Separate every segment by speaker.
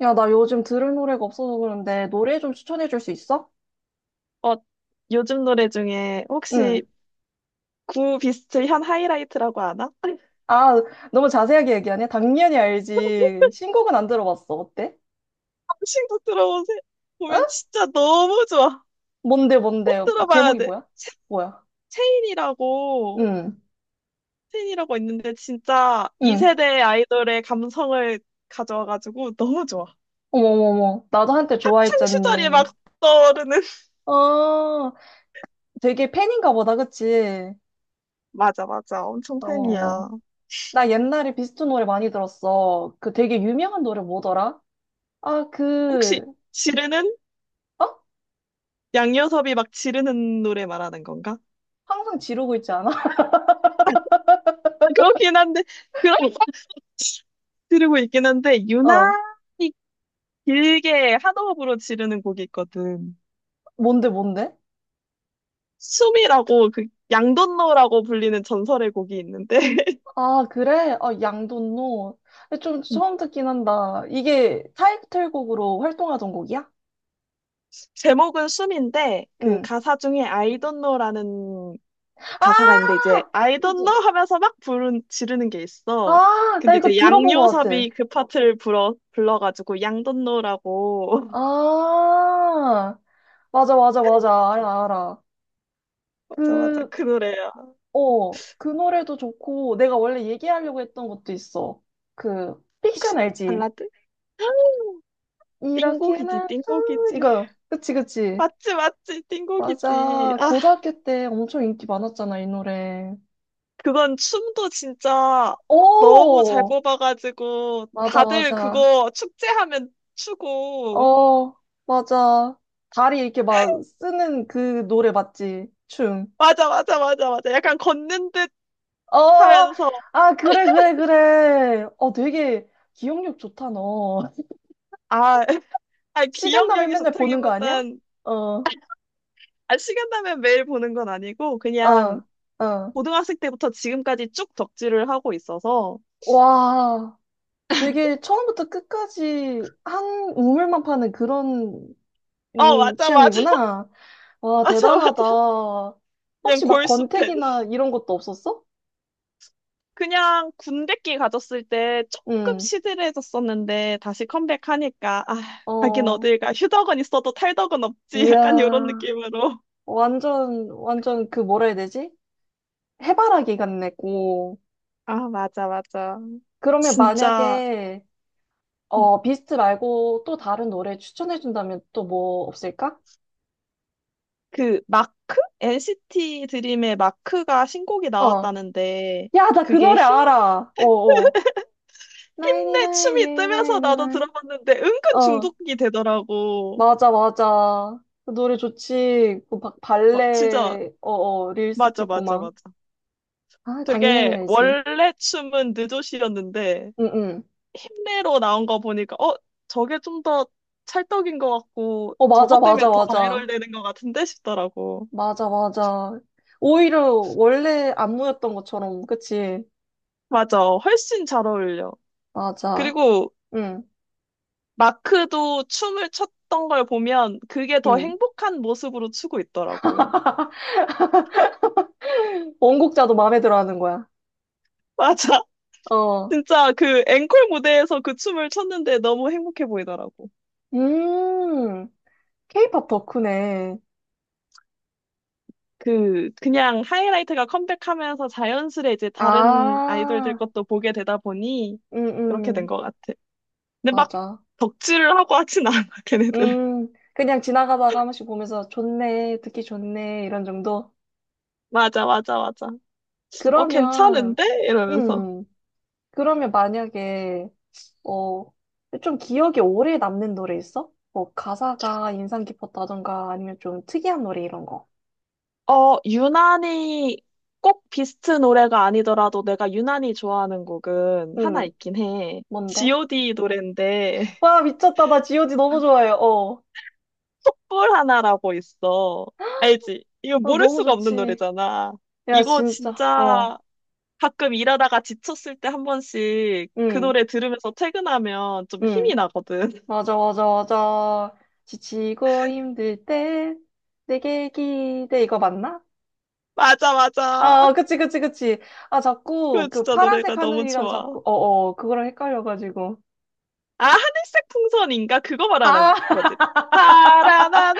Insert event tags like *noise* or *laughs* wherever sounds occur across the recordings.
Speaker 1: 야, 나 요즘 들을 노래가 없어서 그런데 노래 좀 추천해 줄 수 있어?
Speaker 2: 어, 요즘 노래 중에 혹시
Speaker 1: 응.
Speaker 2: 구비스트 현 하이라이트라고 아나? 아니,
Speaker 1: 아, 너무 자세하게 얘기하네? 당연히 알지. 신곡은 안 들어봤어. 어때?
Speaker 2: 한식도 들어보세요.
Speaker 1: 응?
Speaker 2: 보면 진짜 너무 좋아.
Speaker 1: 뭔데, 뭔데?
Speaker 2: 꼭 들어봐야
Speaker 1: 제목이
Speaker 2: 돼.
Speaker 1: 뭐야? 뭐야?
Speaker 2: 체인이라고,
Speaker 1: 응,
Speaker 2: 체인이라고 있는데 진짜
Speaker 1: 응.
Speaker 2: 2세대 아이돌의 감성을 가져와가지고 너무 좋아.
Speaker 1: 어머머머. 나도 한때
Speaker 2: 학창 시절이
Speaker 1: 좋아했잖니.
Speaker 2: 막 떠오르는. *laughs*
Speaker 1: 어, 되게 팬인가 보다, 그치?
Speaker 2: 맞아, 맞아. 엄청
Speaker 1: 어머머.
Speaker 2: 팬이야.
Speaker 1: 나 옛날에 비스트 노래 많이 들었어. 그 되게 유명한 노래 뭐더라? 아, 그,
Speaker 2: 혹시 지르는?
Speaker 1: 어?
Speaker 2: 양요섭이 막 지르는 노래 말하는 건가?
Speaker 1: 항상 지르고 있지 않아?
Speaker 2: 아, 그렇긴 한데, 그런 거 들고 있긴 한데,
Speaker 1: *laughs*
Speaker 2: 유난
Speaker 1: 어.
Speaker 2: 길게 한 호흡으로 지르는 곡이 있거든.
Speaker 1: 뭔데, 뭔데?
Speaker 2: 숨이라고 그 양돈노라고 불리는 전설의 곡이 있는데,
Speaker 1: 아, 그래? 아, 양돈노. 근데 좀 처음
Speaker 2: *laughs*
Speaker 1: 듣긴 한다. 이게 타이틀곡으로 활동하던 곡이야?
Speaker 2: 제목은 숨인데 그
Speaker 1: 응.
Speaker 2: 가사 중에 I don't know라는 가사가 있는데
Speaker 1: 아!
Speaker 2: 이제 I don't
Speaker 1: 그지?
Speaker 2: know 하면서 막 부른 지르는 게 있어.
Speaker 1: 아, 나
Speaker 2: 근데
Speaker 1: 이거
Speaker 2: 이제
Speaker 1: 들어본 것 같아.
Speaker 2: 양요섭이 그 파트를 불러 불러가지고 양돈 노라고.
Speaker 1: 아, 맞아, 맞아, 맞아. 알아, 알아.
Speaker 2: *laughs* 맞아, 맞아,
Speaker 1: 그,
Speaker 2: 그 노래야.
Speaker 1: 어, 그 노래도 좋고, 내가 원래 얘기하려고 했던 것도 있어. 그,
Speaker 2: 혹시
Speaker 1: 픽션 알지?
Speaker 2: 발라드? 아, 띵곡이지,
Speaker 1: 이렇게는,
Speaker 2: 띵곡이지,
Speaker 1: 이거. 그치, 그치.
Speaker 2: 맞지 맞지 띵곡이지.
Speaker 1: 맞아.
Speaker 2: 아,
Speaker 1: 고등학교 때 엄청 인기 많았잖아, 이 노래.
Speaker 2: 그건 춤도 진짜 너무 잘
Speaker 1: 오!
Speaker 2: 뽑아가지고
Speaker 1: 맞아,
Speaker 2: 다들
Speaker 1: 맞아.
Speaker 2: 그거 축제하면 추고.
Speaker 1: 어, 맞아. 다리 이렇게 막 쓰는 그 노래 맞지? 춤.
Speaker 2: 맞아, 맞아, 맞아, 맞아, 약간 걷는 듯
Speaker 1: 어,
Speaker 2: 하면서.
Speaker 1: 아, 그래, 그래, 그래. 어, 되게 기억력 좋다, 너. *laughs*
Speaker 2: 아, *laughs* 아,
Speaker 1: 시간 나면
Speaker 2: 기억력이
Speaker 1: 맨날 보는 거 아니야?
Speaker 2: 좋다기보단
Speaker 1: 어,
Speaker 2: 아, 시간 나면 매일 보는 건 아니고
Speaker 1: 어,
Speaker 2: 그냥
Speaker 1: 어.
Speaker 2: 고등학생 때부터 지금까지 쭉 덕질을 하고 있어서.
Speaker 1: 와, 되게 처음부터 끝까지 한 우물만 파는 그런
Speaker 2: 어, 맞아, 맞아. *laughs*
Speaker 1: 취향이구나. 와,
Speaker 2: 맞아, 맞아,
Speaker 1: 대단하다.
Speaker 2: 그냥
Speaker 1: 혹시 막
Speaker 2: 골수 팬.
Speaker 1: 권태기나 이런 것도 없었어?
Speaker 2: 그냥 군대끼 가졌을 때 조금
Speaker 1: 응.
Speaker 2: 시들해졌었는데 다시 컴백하니까, 아, 가긴
Speaker 1: 어,
Speaker 2: 어딜 가. 휴덕은 있어도 탈덕은 없지. *laughs* 약간 이런
Speaker 1: 이야,
Speaker 2: 느낌으로.
Speaker 1: 완전, 완전 그 뭐라 해야 되지? 해바라기 같네고.
Speaker 2: 아, 맞아, 맞아.
Speaker 1: 그러면
Speaker 2: 진짜.
Speaker 1: 만약에,
Speaker 2: 음,
Speaker 1: 어, 비스트 말고 또 다른 노래 추천해준다면 또 뭐 없을까?
Speaker 2: 그 마크? NCT 드림의 마크가 신곡이
Speaker 1: 어.
Speaker 2: 나왔다는데,
Speaker 1: 야, 나 그
Speaker 2: 그게
Speaker 1: 노래 알아. 어, 어. 나이니 나
Speaker 2: 힘내
Speaker 1: 9
Speaker 2: 춤이
Speaker 1: 예,
Speaker 2: 뜨면서
Speaker 1: 나이니 나
Speaker 2: 나도
Speaker 1: 9
Speaker 2: 들어봤는데 은근
Speaker 1: 어,
Speaker 2: 중독이 되더라고.
Speaker 1: 맞아, 맞아. 그 노래 좋지. 그
Speaker 2: 와, 진짜.
Speaker 1: 발레, 어, 어, 릴스
Speaker 2: 맞아,
Speaker 1: 찍고
Speaker 2: 맞아,
Speaker 1: 막.
Speaker 2: 맞아.
Speaker 1: 아, 당연히
Speaker 2: 되게
Speaker 1: 알지.
Speaker 2: 원래 춤은 느조시였는데
Speaker 1: 응, 응.
Speaker 2: 힘내로 나온 거 보니까 저게 좀 더 찰떡인 것 같고
Speaker 1: 어, 맞아,
Speaker 2: 저것 때문에
Speaker 1: 맞아,
Speaker 2: 더 바이럴
Speaker 1: 맞아.
Speaker 2: 되는 것 같은데 싶더라고.
Speaker 1: 맞아, 맞아. 오히려 원래 안무였던 것처럼, 그치?
Speaker 2: 맞아. 훨씬 잘 어울려.
Speaker 1: 맞아.
Speaker 2: 그리고
Speaker 1: 응,
Speaker 2: 마크도 춤을 췄던 걸 보면 그게 더
Speaker 1: 응.
Speaker 2: 행복한 모습으로 추고 있더라고.
Speaker 1: 원곡자도 마음에 들어 하는 거야.
Speaker 2: 맞아. *laughs*
Speaker 1: 어.
Speaker 2: 진짜 그 앵콜 무대에서 그 춤을 췄는데 너무 행복해 보이더라고.
Speaker 1: 음, 케이팝 덕후네.
Speaker 2: 그냥 하이라이트가 컴백하면서 자연스레 이제 다른 아이돌들
Speaker 1: 아,
Speaker 2: 것도 보게 되다 보니
Speaker 1: 응,
Speaker 2: 그렇게 된
Speaker 1: 응.
Speaker 2: 것 같아. 근데 막
Speaker 1: 맞아.
Speaker 2: 덕질을 하고 하진 않아, *laughs* 걔네들. *laughs*
Speaker 1: 그냥 지나가다가 한 번씩 보면서 좋네, 듣기 좋네, 이런 정도?
Speaker 2: 맞아, 맞아, 맞아. 어,
Speaker 1: 그러면,
Speaker 2: 괜찮은데? 이러면서.
Speaker 1: 음, 그러면 만약에, 어, 좀 기억에 오래 남는 노래 있어? 뭐 가사가 인상 깊었다던가 아니면 좀 특이한 노래 이런 거.
Speaker 2: 어, 유난히 꼭 비스트 노래가 아니더라도 내가 유난히 좋아하는 곡은 하나
Speaker 1: 응,
Speaker 2: 있긴 해.
Speaker 1: 뭔데?
Speaker 2: G.O.D 노래인데, *laughs*
Speaker 1: 와, 미쳤다. 나 지오지 너무 좋아해요. 어.
Speaker 2: 촛불 하나라고 있어. 알지? 이거
Speaker 1: 아,
Speaker 2: 모를
Speaker 1: 너무
Speaker 2: 수가 없는
Speaker 1: 좋지.
Speaker 2: 노래잖아.
Speaker 1: 야,
Speaker 2: 이거
Speaker 1: 진짜.
Speaker 2: 진짜,
Speaker 1: 어.
Speaker 2: 가끔 일하다가 지쳤을 때 한 번씩 그
Speaker 1: 응,
Speaker 2: 노래 들으면서 퇴근하면 좀
Speaker 1: 응.
Speaker 2: 힘이 나거든. *laughs*
Speaker 1: 맞아, 맞아, 맞아. 지치고 힘들 때 내게 기대. 이거 맞나?
Speaker 2: 맞아,
Speaker 1: 아, 어,
Speaker 2: 맞아.
Speaker 1: 그치, 그치, 그치. 아, 자꾸
Speaker 2: 그
Speaker 1: 그
Speaker 2: 진짜
Speaker 1: 파란색
Speaker 2: 노래가 너무
Speaker 1: 하늘이랑
Speaker 2: 좋아.
Speaker 1: 자꾸, 어, 어, 그거랑 헷갈려가지고.
Speaker 2: 아, 하늘색 풍선인가? 그거
Speaker 1: 아,
Speaker 2: 말하는 거지.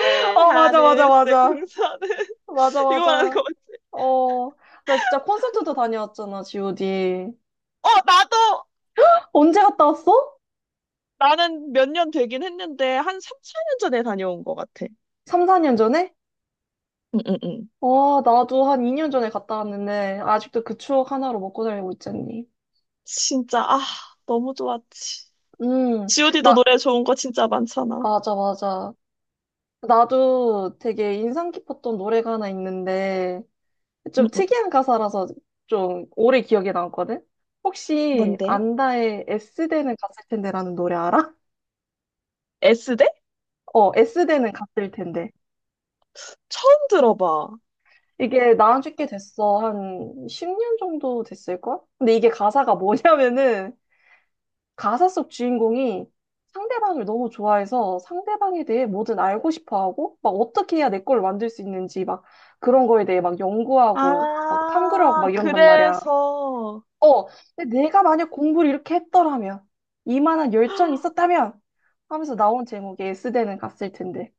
Speaker 1: *laughs* 어, 맞아, 맞아,
Speaker 2: 하늘색
Speaker 1: 맞아.
Speaker 2: 풍선은. *laughs*
Speaker 1: 맞아,
Speaker 2: 이거 말하는
Speaker 1: 맞아.
Speaker 2: 거 맞지?
Speaker 1: 어, 나 진짜 콘서트도 다녀왔잖아, GOD.
Speaker 2: 어, 나도,
Speaker 1: 언제 갔다 왔어?
Speaker 2: 나는 몇 년 되긴 했는데, 한 3, 4년 전에 다녀온 것 같아.
Speaker 1: 3, 4년 전에?
Speaker 2: 응, 응, 응.
Speaker 1: 와 나도 한 2년 전에 갔다 왔는데, 아직도 그 추억 하나로 먹고 살고 있잖니.
Speaker 2: 진짜, 아, 너무 좋았지.
Speaker 1: 음,
Speaker 2: GOD도
Speaker 1: 나,
Speaker 2: 노래 좋은 거 진짜 많잖아.
Speaker 1: 맞아, 맞아. 나도 되게 인상 깊었던 노래가 하나 있는데,
Speaker 2: 응,
Speaker 1: 좀
Speaker 2: 응.
Speaker 1: 특이한 가사라서 좀 오래 기억에 남거든? 혹시
Speaker 2: 뭔데?
Speaker 1: 안다의 S대는 갔을 텐데라는 노래 알아?
Speaker 2: S대?
Speaker 1: 어, S대는 갔을 텐데.
Speaker 2: 처음 들어봐.
Speaker 1: 이게 나온 지 꽤 됐어. 한 10년 정도 됐을걸? 근데 이게 가사가 뭐냐면은 가사 속 주인공이 상대방을 너무 좋아해서 상대방에 대해 뭐든 알고 싶어 하고 막 어떻게 해야 내 걸 만들 수 있는지 막 그런 거에 대해 막 연구하고 막 탐구를 하고
Speaker 2: 아,
Speaker 1: 막 이런단 말이야.
Speaker 2: 그래서.
Speaker 1: 어, 근데 내가 만약 공부를 이렇게 했더라면 이만한 열정이 있었다면 하면서 나온 제목에 S대는 갔을 텐데.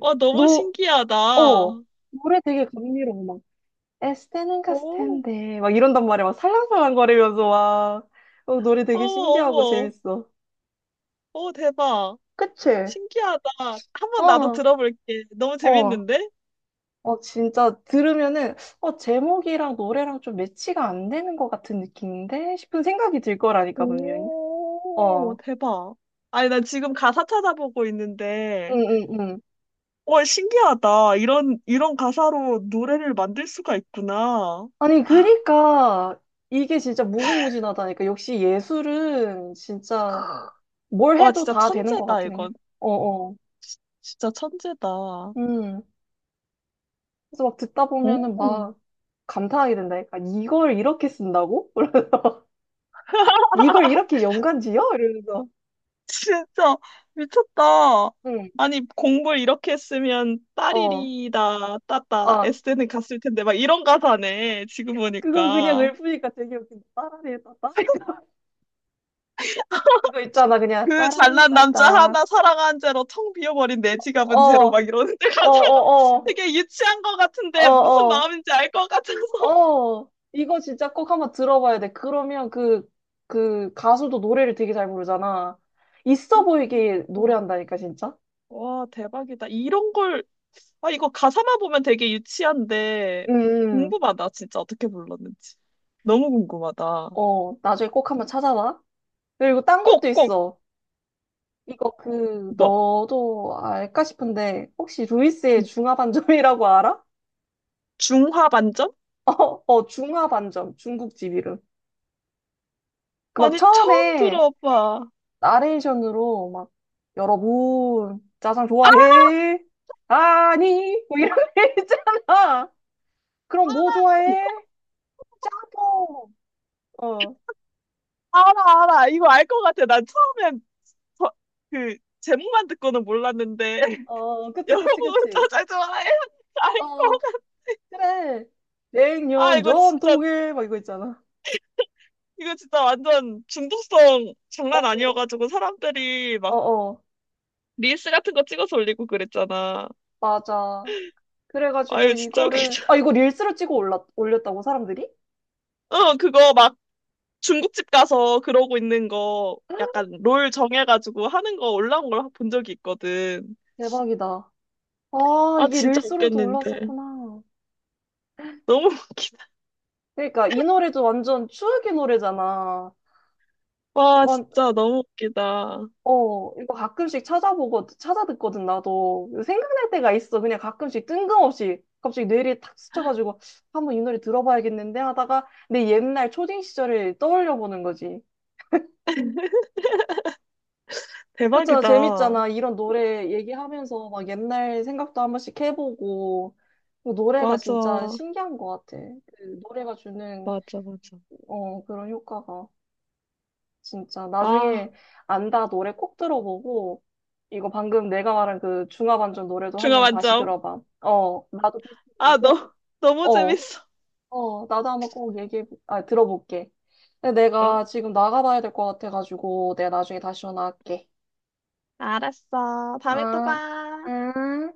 Speaker 2: 와, 너무
Speaker 1: 너, 어,
Speaker 2: 신기하다.
Speaker 1: 노래 되게 감미로워. 에스테는 갔을
Speaker 2: 오.
Speaker 1: 텐데 막 이런단 말이야 막 살랑살랑 거리면서 와 어, 노래 되게
Speaker 2: 어머,
Speaker 1: 신기하고
Speaker 2: 어머.
Speaker 1: 재밌어
Speaker 2: 오, 대박.
Speaker 1: 그치?
Speaker 2: 신기하다. 한번 나도
Speaker 1: 어어어
Speaker 2: 들어볼게. 너무
Speaker 1: 어,
Speaker 2: 재밌는데?
Speaker 1: 어, 진짜 들으면은 어 제목이랑 노래랑 좀 매치가 안 되는 것 같은 느낌인데 싶은 생각이 들 거라니까 분명히
Speaker 2: 오,
Speaker 1: 어
Speaker 2: 대박. 아니, 나 지금 가사 찾아보고 있는데,
Speaker 1: 응응응
Speaker 2: 와, 신기하다. 이런, 이런 가사로 노래를 만들 수가 있구나.
Speaker 1: 아니 그니까 이게 진짜 무궁무진하다니까 역시 예술은 진짜 뭘
Speaker 2: 와,
Speaker 1: 해도
Speaker 2: 진짜
Speaker 1: 다 되는 것
Speaker 2: 천재다,
Speaker 1: 같아 그냥
Speaker 2: 이건.
Speaker 1: 어어
Speaker 2: 진짜 천재다.
Speaker 1: 그래서 막 듣다 보면은
Speaker 2: 오.
Speaker 1: 막 감탄하게 된다니까. 이걸 이렇게 쓴다고? *laughs* 이걸 이렇게 연관 지어? 이러면서.
Speaker 2: 진짜 미쳤다.
Speaker 1: 응,
Speaker 2: 아니, 공부를 이렇게 했으면
Speaker 1: 어.
Speaker 2: 딸이리다 따따 에
Speaker 1: 아,
Speaker 2: 스는 갔을 텐데 막 이런 가사네 지금
Speaker 1: 그거 그냥
Speaker 2: 보니까.
Speaker 1: 읊으니까 되게 웃긴다. 따라리따따. *laughs* 그거 있잖아, 그냥
Speaker 2: 그 잘난 남자 하나
Speaker 1: 따라리따따.
Speaker 2: 사랑한 죄로 텅 비어버린 내
Speaker 1: 어,
Speaker 2: 지갑은 죄로 막
Speaker 1: 어,
Speaker 2: 이러는데, *laughs* 가사가
Speaker 1: 어, 어,
Speaker 2: 되게 유치한 것 같은데 무슨
Speaker 1: 어,
Speaker 2: 마음인지 알 것 같아서.
Speaker 1: 어, 어. 이거 진짜 꼭 한번 들어봐야 돼. 그러면 그, 그 가수도 노래를 되게 잘 부르잖아. 있어 보이게
Speaker 2: *laughs* 와,
Speaker 1: 노래한다니까, 진짜.
Speaker 2: 와 대박이다 이런 걸. 아, 이거 가사만 보면 되게 유치한데
Speaker 1: 음,
Speaker 2: 궁금하다 진짜 어떻게 불렀는지. 너무 궁금하다.
Speaker 1: 어, 나중에 꼭 한번 찾아봐. 그리고 딴 것도
Speaker 2: 꼭꼭.
Speaker 1: 있어. 이거 그,
Speaker 2: 뭐,
Speaker 1: 너도 알까 싶은데, 혹시 루이스의 중화반점이라고 알아?
Speaker 2: 중화 반점?
Speaker 1: *laughs* 어, 어, 중화반점. 중국집 이름. 그 막
Speaker 2: 아니, 처음
Speaker 1: 처음에
Speaker 2: 들어봐.
Speaker 1: 나레이션으로 막, 여러분, 짜장 좋아해? 아니, 뭐 이런 *laughs* 게 있잖아. 그럼 뭐 좋아해? 짬뽕. 어,
Speaker 2: 알아, 알아. 이거 알 것 같아. 난 처음엔 저- 그 제목만 듣고는 몰랐는데. *laughs*
Speaker 1: 어, 그치, 그치,
Speaker 2: 여러분
Speaker 1: 그치.
Speaker 2: 저잘 좋아해요.
Speaker 1: 어,
Speaker 2: 알것 같아.
Speaker 1: 그래.
Speaker 2: 아,
Speaker 1: 냉면
Speaker 2: 이거 진짜
Speaker 1: 전통에, 막 이거 있잖아.
Speaker 2: 이거 진짜 완전 중독성
Speaker 1: 어,
Speaker 2: 장난 아니어가지고 사람들이
Speaker 1: 어,
Speaker 2: 막
Speaker 1: 어,
Speaker 2: 릴스 같은 거 찍어서 올리고 그랬잖아.
Speaker 1: 맞아.
Speaker 2: 아,
Speaker 1: 그래가지고
Speaker 2: 이거 진짜
Speaker 1: 이거를,
Speaker 2: 웃기죠.
Speaker 1: 아, 이거 릴스로 찍어 올렸다고, 사람들이?
Speaker 2: *laughs* 그거 막 중국집 가서 그러고 있는 거 약간 롤 정해가지고 하는 거 올라온 걸 본 적이 있거든.
Speaker 1: 대박이다. 아,
Speaker 2: 아,
Speaker 1: 이게
Speaker 2: 진짜
Speaker 1: 릴스로도
Speaker 2: 웃겼는데.
Speaker 1: 올랐었구나.
Speaker 2: 너무 *laughs* 웃기다.
Speaker 1: 그러니까 이 노래도 완전 추억의 노래잖아.
Speaker 2: 와,
Speaker 1: 완,
Speaker 2: 진짜 너무 웃기다.
Speaker 1: 어, 이거 가끔씩 찾아보고, 찾아듣거든, 나도. 생각날 때가 있어. 그냥 가끔씩 뜬금없이. 갑자기 뇌리에 탁 스쳐가지고, 한번 이 노래 들어봐야겠는데 하다가 내 옛날 초딩 시절을 떠올려 보는 거지. 그렇잖아.
Speaker 2: 대박이다.
Speaker 1: 재밌잖아. 이런 노래 얘기하면서 막 옛날 생각도 한 번씩 해보고. 그 노래가 진짜
Speaker 2: 맞아.
Speaker 1: 신기한 것 같아. 그 노래가 주는,
Speaker 2: 맞아, 맞아.
Speaker 1: 어, 그런 효과가. 진짜.
Speaker 2: 아,
Speaker 1: 나중에 안다 노래 꼭 들어보고, 이거 방금 내가 말한 그 중화반전 노래도
Speaker 2: 중화
Speaker 1: 한번 다시
Speaker 2: 만점.
Speaker 1: 들어봐. 어, 나도 비슷한 노래
Speaker 2: 아,
Speaker 1: 꼭,
Speaker 2: 너무
Speaker 1: 어,
Speaker 2: 재밌어.
Speaker 1: 어, 나도 한번 꼭 얘기해, 아, 들어볼게. 근데
Speaker 2: 응,
Speaker 1: 내가 지금 나가봐야 될 것 같아가지고, 내가 나중에 다시 전화할게.
Speaker 2: 알았어. 다음에 또
Speaker 1: 아,
Speaker 2: 봐.
Speaker 1: 응.